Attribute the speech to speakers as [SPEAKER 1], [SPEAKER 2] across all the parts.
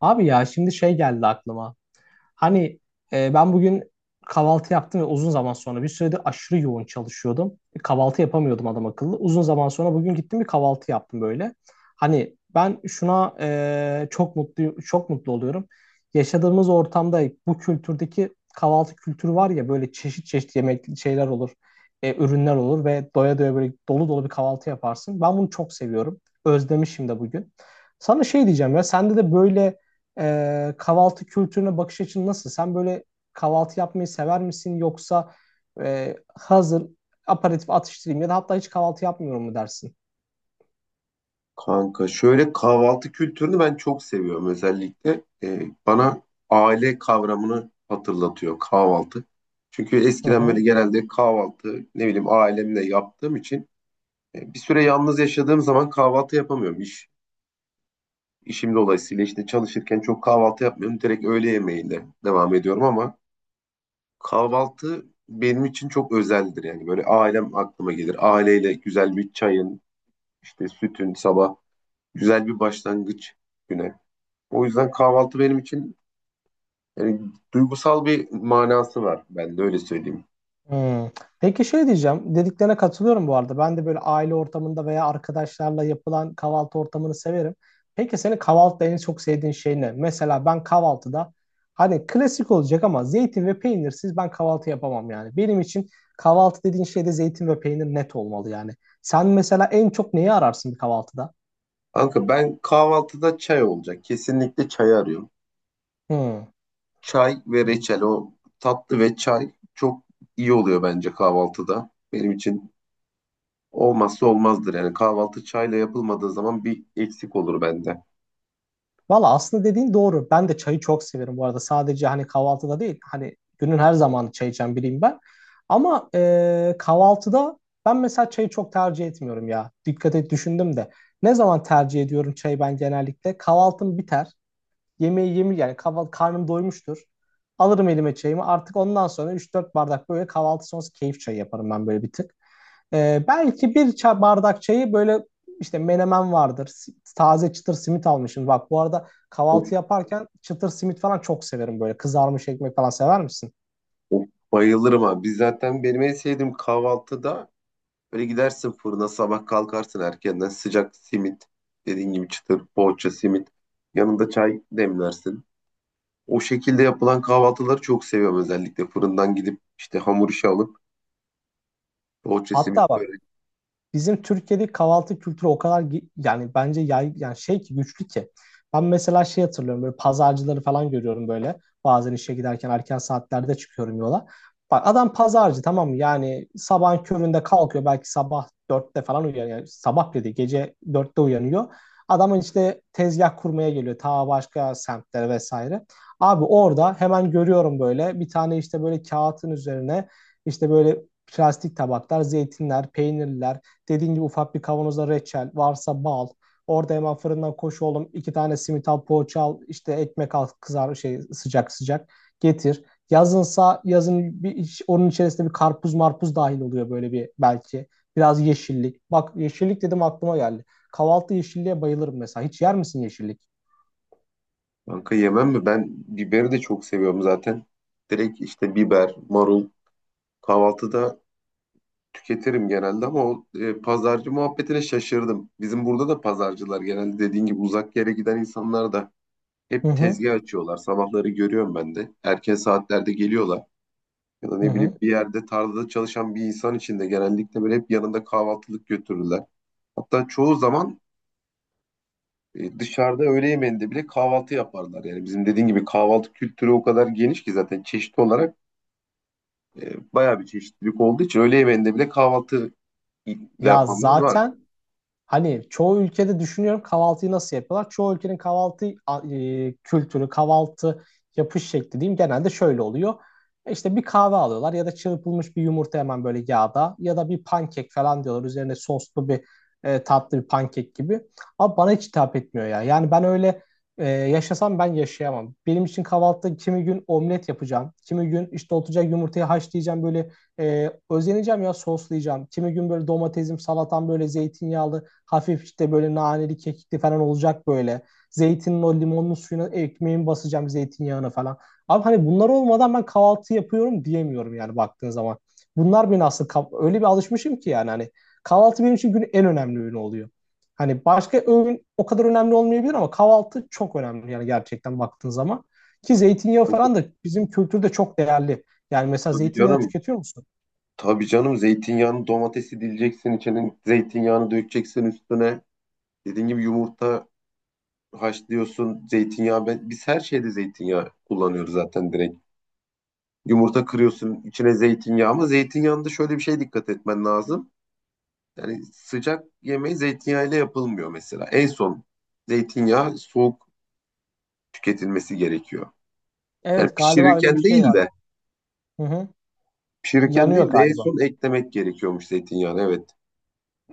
[SPEAKER 1] Abi ya şimdi şey geldi aklıma. Hani ben bugün kahvaltı yaptım ve uzun zaman sonra bir süredir aşırı yoğun çalışıyordum. Bir kahvaltı yapamıyordum adam akıllı. Uzun zaman sonra bugün gittim bir kahvaltı yaptım böyle. Hani ben şuna çok mutlu çok mutlu oluyorum. Yaşadığımız ortamda bu kültürdeki kahvaltı kültürü var ya böyle çeşit çeşit yemek şeyler olur. Ürünler olur ve doya doya böyle dolu dolu bir kahvaltı yaparsın. Ben bunu çok seviyorum. Özlemişim de bugün. Sana şey diyeceğim ya sende de böyle kahvaltı kültürüne bakış açın nasıl? Sen böyle kahvaltı yapmayı sever misin, yoksa hazır aperatif atıştırayım ya da hatta hiç kahvaltı yapmıyorum mu dersin?
[SPEAKER 2] Kanka şöyle kahvaltı kültürünü ben çok seviyorum özellikle. Bana aile kavramını hatırlatıyor kahvaltı. Çünkü eskiden böyle genelde kahvaltı ne bileyim ailemle yaptığım için bir süre yalnız yaşadığım zaman kahvaltı yapamıyorum. İşim dolayısıyla işte çalışırken çok kahvaltı yapmıyorum. Direkt öğle yemeğiyle devam ediyorum ama kahvaltı benim için çok özeldir yani. Böyle ailem aklıma gelir. Aileyle güzel bir çayın, işte sütün sabah güzel bir başlangıç güne. O yüzden kahvaltı benim için yani duygusal bir manası var. Ben de öyle söyleyeyim.
[SPEAKER 1] Hmm. Peki şey diyeceğim, dediklerine katılıyorum bu arada. Ben de böyle aile ortamında veya arkadaşlarla yapılan kahvaltı ortamını severim. Peki senin kahvaltıda en çok sevdiğin şey ne? Mesela ben kahvaltıda hani klasik olacak ama zeytin ve peynirsiz ben kahvaltı yapamam yani. Benim için kahvaltı dediğin şeyde zeytin ve peynir net olmalı yani. Sen mesela en çok neyi ararsın bir kahvaltıda?
[SPEAKER 2] Kanka ben kahvaltıda çay olacak. Kesinlikle çay arıyorum.
[SPEAKER 1] Hmm.
[SPEAKER 2] Çay ve reçel, o tatlı ve çay çok iyi oluyor bence kahvaltıda. Benim için olmazsa olmazdır. Yani kahvaltı çayla yapılmadığı zaman bir eksik olur bende.
[SPEAKER 1] Valla aslında dediğin doğru. Ben de çayı çok severim bu arada. Sadece hani kahvaltıda değil. Hani günün her zamanı çay içen biriyim ben. Ama kahvaltıda ben mesela çayı çok tercih etmiyorum ya. Dikkat et, düşündüm de. Ne zaman tercih ediyorum çayı ben genellikle? Kahvaltım biter. Yemeği yemi, yani kahvaltı, karnım doymuştur. Alırım elime çayımı. Artık ondan sonra üç dört bardak böyle kahvaltı sonrası keyif çayı yaparım ben böyle bir tık. Belki bir çay, bardak çayı, böyle işte menemen vardır. Taze çıtır simit almışım. Bak, bu arada
[SPEAKER 2] Of,
[SPEAKER 1] kahvaltı yaparken çıtır simit falan çok severim böyle. Kızarmış ekmek falan sever misin?
[SPEAKER 2] of, bayılırım abi. Biz zaten benim en sevdiğim kahvaltıda, böyle gidersin fırına, sabah kalkarsın erkenden sıcak simit, dediğin gibi çıtır poğaça simit, yanında çay demlersin. O şekilde yapılan kahvaltıları çok seviyorum, özellikle fırından gidip işte hamur işi alıp poğaça simit
[SPEAKER 1] Hatta bak,
[SPEAKER 2] böyle.
[SPEAKER 1] bizim Türkiye'de kahvaltı kültürü o kadar yani bence yani şey ki, güçlü ki. Ben mesela şey hatırlıyorum, böyle pazarcıları falan görüyorum böyle. Bazen işe giderken erken saatlerde çıkıyorum yola. Bak adam pazarcı, tamam mı? Yani sabahın köründe kalkıyor, belki sabah 4'te falan uyanıyor. Yani sabah dedi, gece 4'te uyanıyor. Adamın işte tezgah kurmaya geliyor ta başka semtlere vesaire. Abi orada hemen görüyorum böyle, bir tane işte böyle kağıtın üzerine, işte böyle plastik tabaklar, zeytinler, peynirler, dediğin gibi ufak bir kavanoza reçel, varsa bal. Orada hemen fırından koş oğlum, iki tane simit al, poğaça al, işte ekmek al, kızar şey sıcak sıcak getir. Yazınsa yazın, bir, onun içerisinde bir karpuz marpuz dahil oluyor böyle bir belki. Biraz yeşillik. Bak, yeşillik dedim, aklıma geldi. Kahvaltı yeşilliğe bayılırım mesela. Hiç yer misin yeşillik?
[SPEAKER 2] Kanka, yemem mi? Ben biberi de çok seviyorum zaten. Direkt işte biber, marul kahvaltıda tüketirim genelde ama o pazarcı muhabbetine şaşırdım. Bizim burada da pazarcılar genelde dediğin gibi uzak yere giden insanlar da
[SPEAKER 1] Hı
[SPEAKER 2] hep
[SPEAKER 1] hı.
[SPEAKER 2] tezgah açıyorlar. Sabahları görüyorum ben de. Erken saatlerde geliyorlar. Ya da
[SPEAKER 1] Hı
[SPEAKER 2] ne bileyim,
[SPEAKER 1] hı.
[SPEAKER 2] bir yerde tarlada çalışan bir insan için de genellikle böyle hep yanında kahvaltılık götürürler. Hatta çoğu zaman dışarıda öğle yemeğinde bile kahvaltı yaparlar. Yani bizim dediğin gibi kahvaltı kültürü o kadar geniş ki, zaten çeşitli olarak bayağı bir çeşitlilik olduğu için öğle yemeğinde bile kahvaltı ile
[SPEAKER 1] Ya
[SPEAKER 2] yapanlar var.
[SPEAKER 1] zaten, hani çoğu ülkede düşünüyorum kahvaltıyı nasıl yapıyorlar. Çoğu ülkenin kahvaltı kültürü, kahvaltı yapış şekli diyeyim, genelde şöyle oluyor. İşte bir kahve alıyorlar ya da çırpılmış bir yumurta hemen böyle yağda, ya da bir pankek falan diyorlar. Üzerine soslu bir, tatlı bir pankek gibi. Ama bana hiç hitap etmiyor ya. Yani ben öyle yaşasam ben yaşayamam. Benim için kahvaltıda kimi gün omlet yapacağım. Kimi gün işte oturacak yumurtayı haşlayacağım, böyle özeneceğim ya, soslayacağım. Kimi gün böyle domatesim, salatam, böyle zeytinyağlı, hafif işte böyle naneli, kekikli falan olacak böyle. Zeytinin o limonlu suyuna ekmeğimi basacağım, zeytinyağına falan. Abi hani bunlar olmadan ben kahvaltı yapıyorum diyemiyorum yani baktığın zaman. Bunlar beni nasıl, öyle bir alışmışım ki yani, hani kahvaltı benim için günün en önemli öğünü oluyor. Hani başka öğün o kadar önemli olmayabilir ama kahvaltı çok önemli yani gerçekten baktığın zaman. Ki zeytinyağı
[SPEAKER 2] Kanka,
[SPEAKER 1] falan da bizim kültürde çok değerli. Yani mesela
[SPEAKER 2] tabii
[SPEAKER 1] zeytinyağı
[SPEAKER 2] canım.
[SPEAKER 1] tüketiyor musun?
[SPEAKER 2] Tabii canım, zeytinyağını, domatesi dileceksin, içine zeytinyağını dökeceksin üstüne. Dediğin gibi yumurta haşlıyorsun, zeytinyağı. Biz her şeyde zeytinyağı kullanıyoruz zaten direkt. Yumurta kırıyorsun içine zeytinyağı, ama zeytinyağında şöyle bir şey, dikkat etmen lazım. Yani sıcak yemeği zeytinyağıyla yapılmıyor mesela. En son zeytinyağı soğuk tüketilmesi gerekiyor. Yani
[SPEAKER 1] Evet galiba öyle bir
[SPEAKER 2] pişirirken
[SPEAKER 1] şey
[SPEAKER 2] değil
[SPEAKER 1] var.
[SPEAKER 2] de
[SPEAKER 1] Hı hı.
[SPEAKER 2] pişirirken değil
[SPEAKER 1] Yanıyor
[SPEAKER 2] de en
[SPEAKER 1] galiba.
[SPEAKER 2] son eklemek gerekiyormuş zeytinyağını, evet.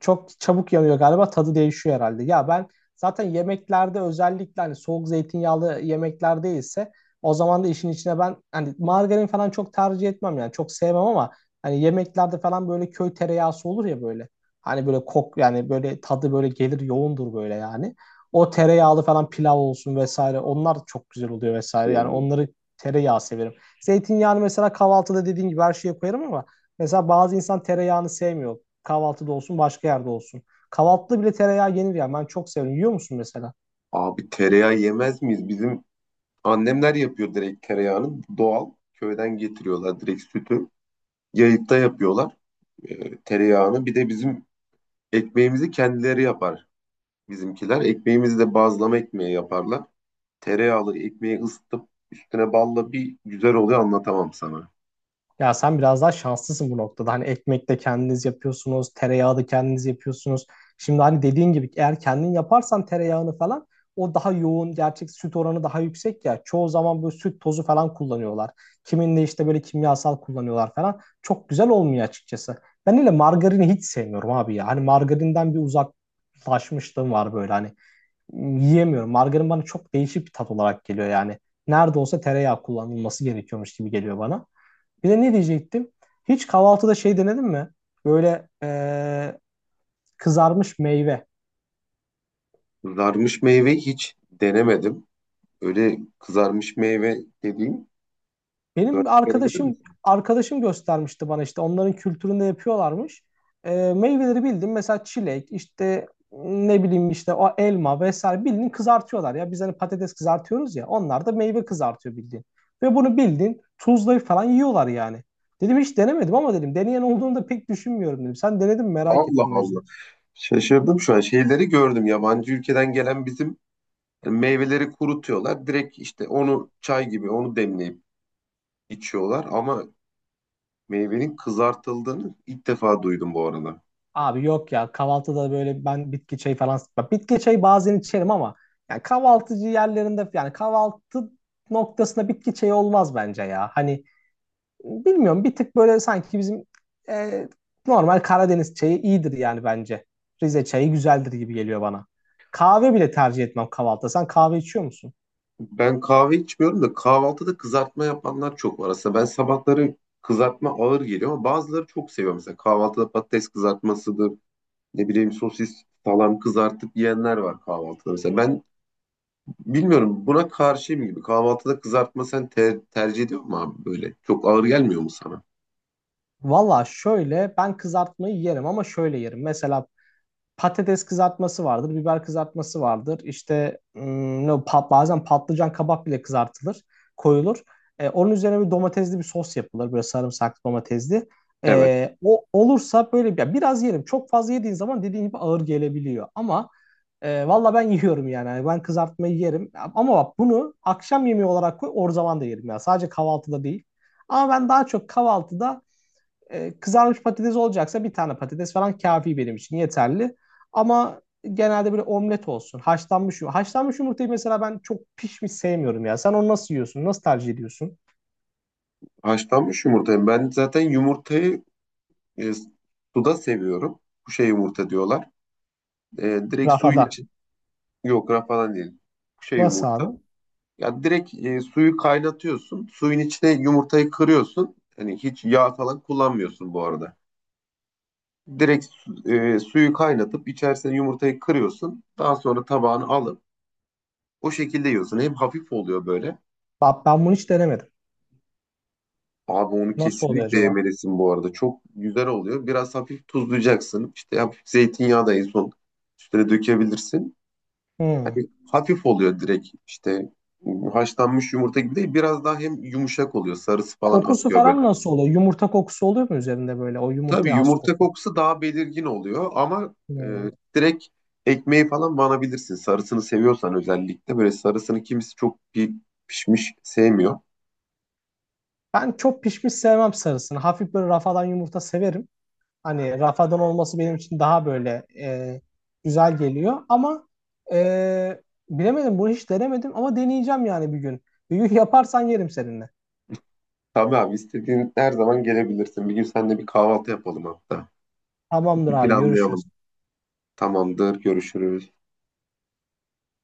[SPEAKER 1] Çok çabuk yanıyor galiba, tadı değişiyor herhalde. Ya ben zaten yemeklerde, özellikle hani soğuk zeytinyağlı yemekler değilse o zaman da işin içine ben hani margarin falan çok tercih etmem yani, çok sevmem, ama hani yemeklerde falan böyle köy tereyağısı olur ya böyle. Hani böyle kok, yani böyle tadı böyle gelir, yoğundur böyle yani. O tereyağlı falan pilav olsun vesaire, onlar çok güzel oluyor vesaire, yani
[SPEAKER 2] Oo.
[SPEAKER 1] onları tereyağı severim. Zeytinyağını mesela kahvaltıda dediğin gibi her şeye koyarım ama mesela bazı insan tereyağını sevmiyor. Kahvaltıda olsun, başka yerde olsun. Kahvaltıda bile tereyağı yenir ya. Ben çok seviyorum. Yiyor musun mesela?
[SPEAKER 2] Abi tereyağı yemez miyiz? Bizim annemler yapıyor direkt, tereyağını doğal köyden getiriyorlar, direkt sütü. Yayıkta yapıyorlar tereyağını. Bir de bizim ekmeğimizi kendileri yapar bizimkiler. Ekmeğimizi de bazlama ekmeği yaparlar. Tereyağlı ekmeği ısıtıp üstüne balla, bir güzel oluyor, anlatamam sana.
[SPEAKER 1] Ya sen biraz daha şanslısın bu noktada. Hani ekmek de kendiniz yapıyorsunuz, tereyağı da kendiniz yapıyorsunuz. Şimdi hani dediğin gibi, eğer kendin yaparsan tereyağını falan, o daha yoğun, gerçek süt oranı daha yüksek ya. Çoğu zaman böyle süt tozu falan kullanıyorlar. Kiminle işte böyle kimyasal kullanıyorlar falan. Çok güzel olmuyor açıkçası. Ben öyle margarini hiç sevmiyorum abi ya. Hani margarinden bir uzaklaşmışlığım var böyle. Hani yiyemiyorum. Margarin bana çok değişik bir tat olarak geliyor yani. Nerede olsa tereyağı kullanılması gerekiyormuş gibi geliyor bana. Bir de ne diyecektim? Hiç kahvaltıda şey denedin mi? Böyle kızarmış meyve.
[SPEAKER 2] Kızarmış meyve hiç denemedim. Öyle kızarmış meyve dediğin, örnek
[SPEAKER 1] Benim
[SPEAKER 2] verebilir
[SPEAKER 1] arkadaşım
[SPEAKER 2] misin?
[SPEAKER 1] arkadaşım göstermişti bana, işte onların kültüründe yapıyorlarmış. Meyveleri bildim mesela, çilek işte, ne bileyim işte o elma vesaire, bildiğin kızartıyorlar ya. Biz hani patates kızartıyoruz ya, onlar da meyve kızartıyor bildiğin. Ve bunu bildiğin tuzlayıp falan yiyorlar yani. Dedim hiç denemedim, ama dedim, deneyen olduğunu da pek düşünmüyorum dedim. Sen denedin mi, merak
[SPEAKER 2] Allah
[SPEAKER 1] ettim o yüzden.
[SPEAKER 2] Allah. Şaşırdım şu an. Şeyleri gördüm. Yabancı ülkeden gelen, bizim meyveleri kurutuyorlar. Direkt işte onu çay gibi onu demleyip içiyorlar. Ama meyvenin kızartıldığını ilk defa duydum bu arada.
[SPEAKER 1] Abi yok ya, kahvaltıda böyle ben bitki çayı falan, bak bitki çayı bazen içerim ama yani kahvaltıcı yerlerinde, yani kahvaltı noktasında bitki çayı olmaz bence ya. Hani bilmiyorum, bir tık böyle sanki bizim e, normal Karadeniz çayı iyidir yani bence. Rize çayı güzeldir gibi geliyor bana. Kahve bile tercih etmem kahvaltıda. Sen kahve içiyor musun?
[SPEAKER 2] Ben kahve içmiyorum da kahvaltıda kızartma yapanlar çok var. Aslında ben sabahları kızartma ağır geliyor ama bazıları çok seviyor. Mesela kahvaltıda patates kızartmasıdır, ne bileyim sosis salam kızartıp yiyenler var kahvaltıda. Mesela ben bilmiyorum, buna karşıyım gibi. Kahvaltıda kızartma sen tercih ediyor mu abi böyle? Çok ağır gelmiyor mu sana?
[SPEAKER 1] Valla şöyle, ben kızartmayı yerim ama şöyle yerim. Mesela patates kızartması vardır, biber kızartması vardır. İşte ne o, bazen patlıcan, kabak bile kızartılır, koyulur. E, onun üzerine bir domatesli bir sos yapılır, böyle sarımsaklı domatesli.
[SPEAKER 2] Evet.
[SPEAKER 1] E, o olursa böyle bir, biraz yerim. Çok fazla yediğin zaman dediğin gibi ağır gelebiliyor. Ama valla ben yiyorum yani. Yani ben kızartmayı yerim. Ama bak, bunu akşam yemeği olarak koy, o zaman da yerim ya. Sadece kahvaltıda değil. Ama ben daha çok kahvaltıda kızarmış patates olacaksa bir tane patates falan kafi, benim için yeterli. Ama genelde böyle omlet olsun. Haşlanmış yumurta. Haşlanmış yumurtayı mesela ben çok pişmiş sevmiyorum ya. Sen onu nasıl yiyorsun? Nasıl tercih ediyorsun?
[SPEAKER 2] Haşlanmış yumurtayı. Ben zaten yumurtayı e, suda seviyorum. Kuşe yumurta diyorlar. E, direkt suyun
[SPEAKER 1] Rafada.
[SPEAKER 2] için. Yok rafadan değil. Kuşe
[SPEAKER 1] Nasıl
[SPEAKER 2] yumurta.
[SPEAKER 1] abi?
[SPEAKER 2] Ya direkt suyu kaynatıyorsun. Suyun içine yumurtayı kırıyorsun. Hani hiç yağ falan kullanmıyorsun bu arada. Direkt suyu kaynatıp içerisine yumurtayı kırıyorsun. Daha sonra tabağını alıp o şekilde yiyorsun. Hem hafif oluyor böyle.
[SPEAKER 1] Bak ben bunu hiç denemedim.
[SPEAKER 2] Abi onu
[SPEAKER 1] Nasıl oluyor
[SPEAKER 2] kesinlikle
[SPEAKER 1] acaba?
[SPEAKER 2] yemelisin bu arada. Çok güzel oluyor. Biraz hafif tuzlayacaksın. İşte hafif zeytinyağı da en son üstüne dökebilirsin.
[SPEAKER 1] Hmm.
[SPEAKER 2] Hani hafif oluyor direkt. İşte haşlanmış yumurta gibi değil. Biraz daha hem yumuşak oluyor. Sarısı falan
[SPEAKER 1] Kokusu
[SPEAKER 2] atıyor böyle.
[SPEAKER 1] falan nasıl oluyor? Yumurta kokusu oluyor mu üzerinde böyle? O
[SPEAKER 2] Tabii
[SPEAKER 1] yumurtaya has
[SPEAKER 2] yumurta
[SPEAKER 1] koku.
[SPEAKER 2] kokusu daha belirgin oluyor ama
[SPEAKER 1] Hmm.
[SPEAKER 2] direkt ekmeği falan banabilirsin. Sarısını seviyorsan, özellikle böyle sarısını kimisi çok pişmiş sevmiyor.
[SPEAKER 1] Ben çok pişmiş sevmem sarısını. Hafif böyle rafadan yumurta severim. Hani Rafa'dan olması benim için daha böyle güzel geliyor. Ama e, bilemedim, bunu hiç denemedim ama deneyeceğim yani bir gün. Bir gün yaparsan yerim seninle.
[SPEAKER 2] Tabii abi, istediğin her zaman gelebilirsin. Bir gün seninle bir kahvaltı yapalım hatta.
[SPEAKER 1] Tamamdır abi,
[SPEAKER 2] Planlayalım.
[SPEAKER 1] görüşürüz.
[SPEAKER 2] Tamamdır, görüşürüz.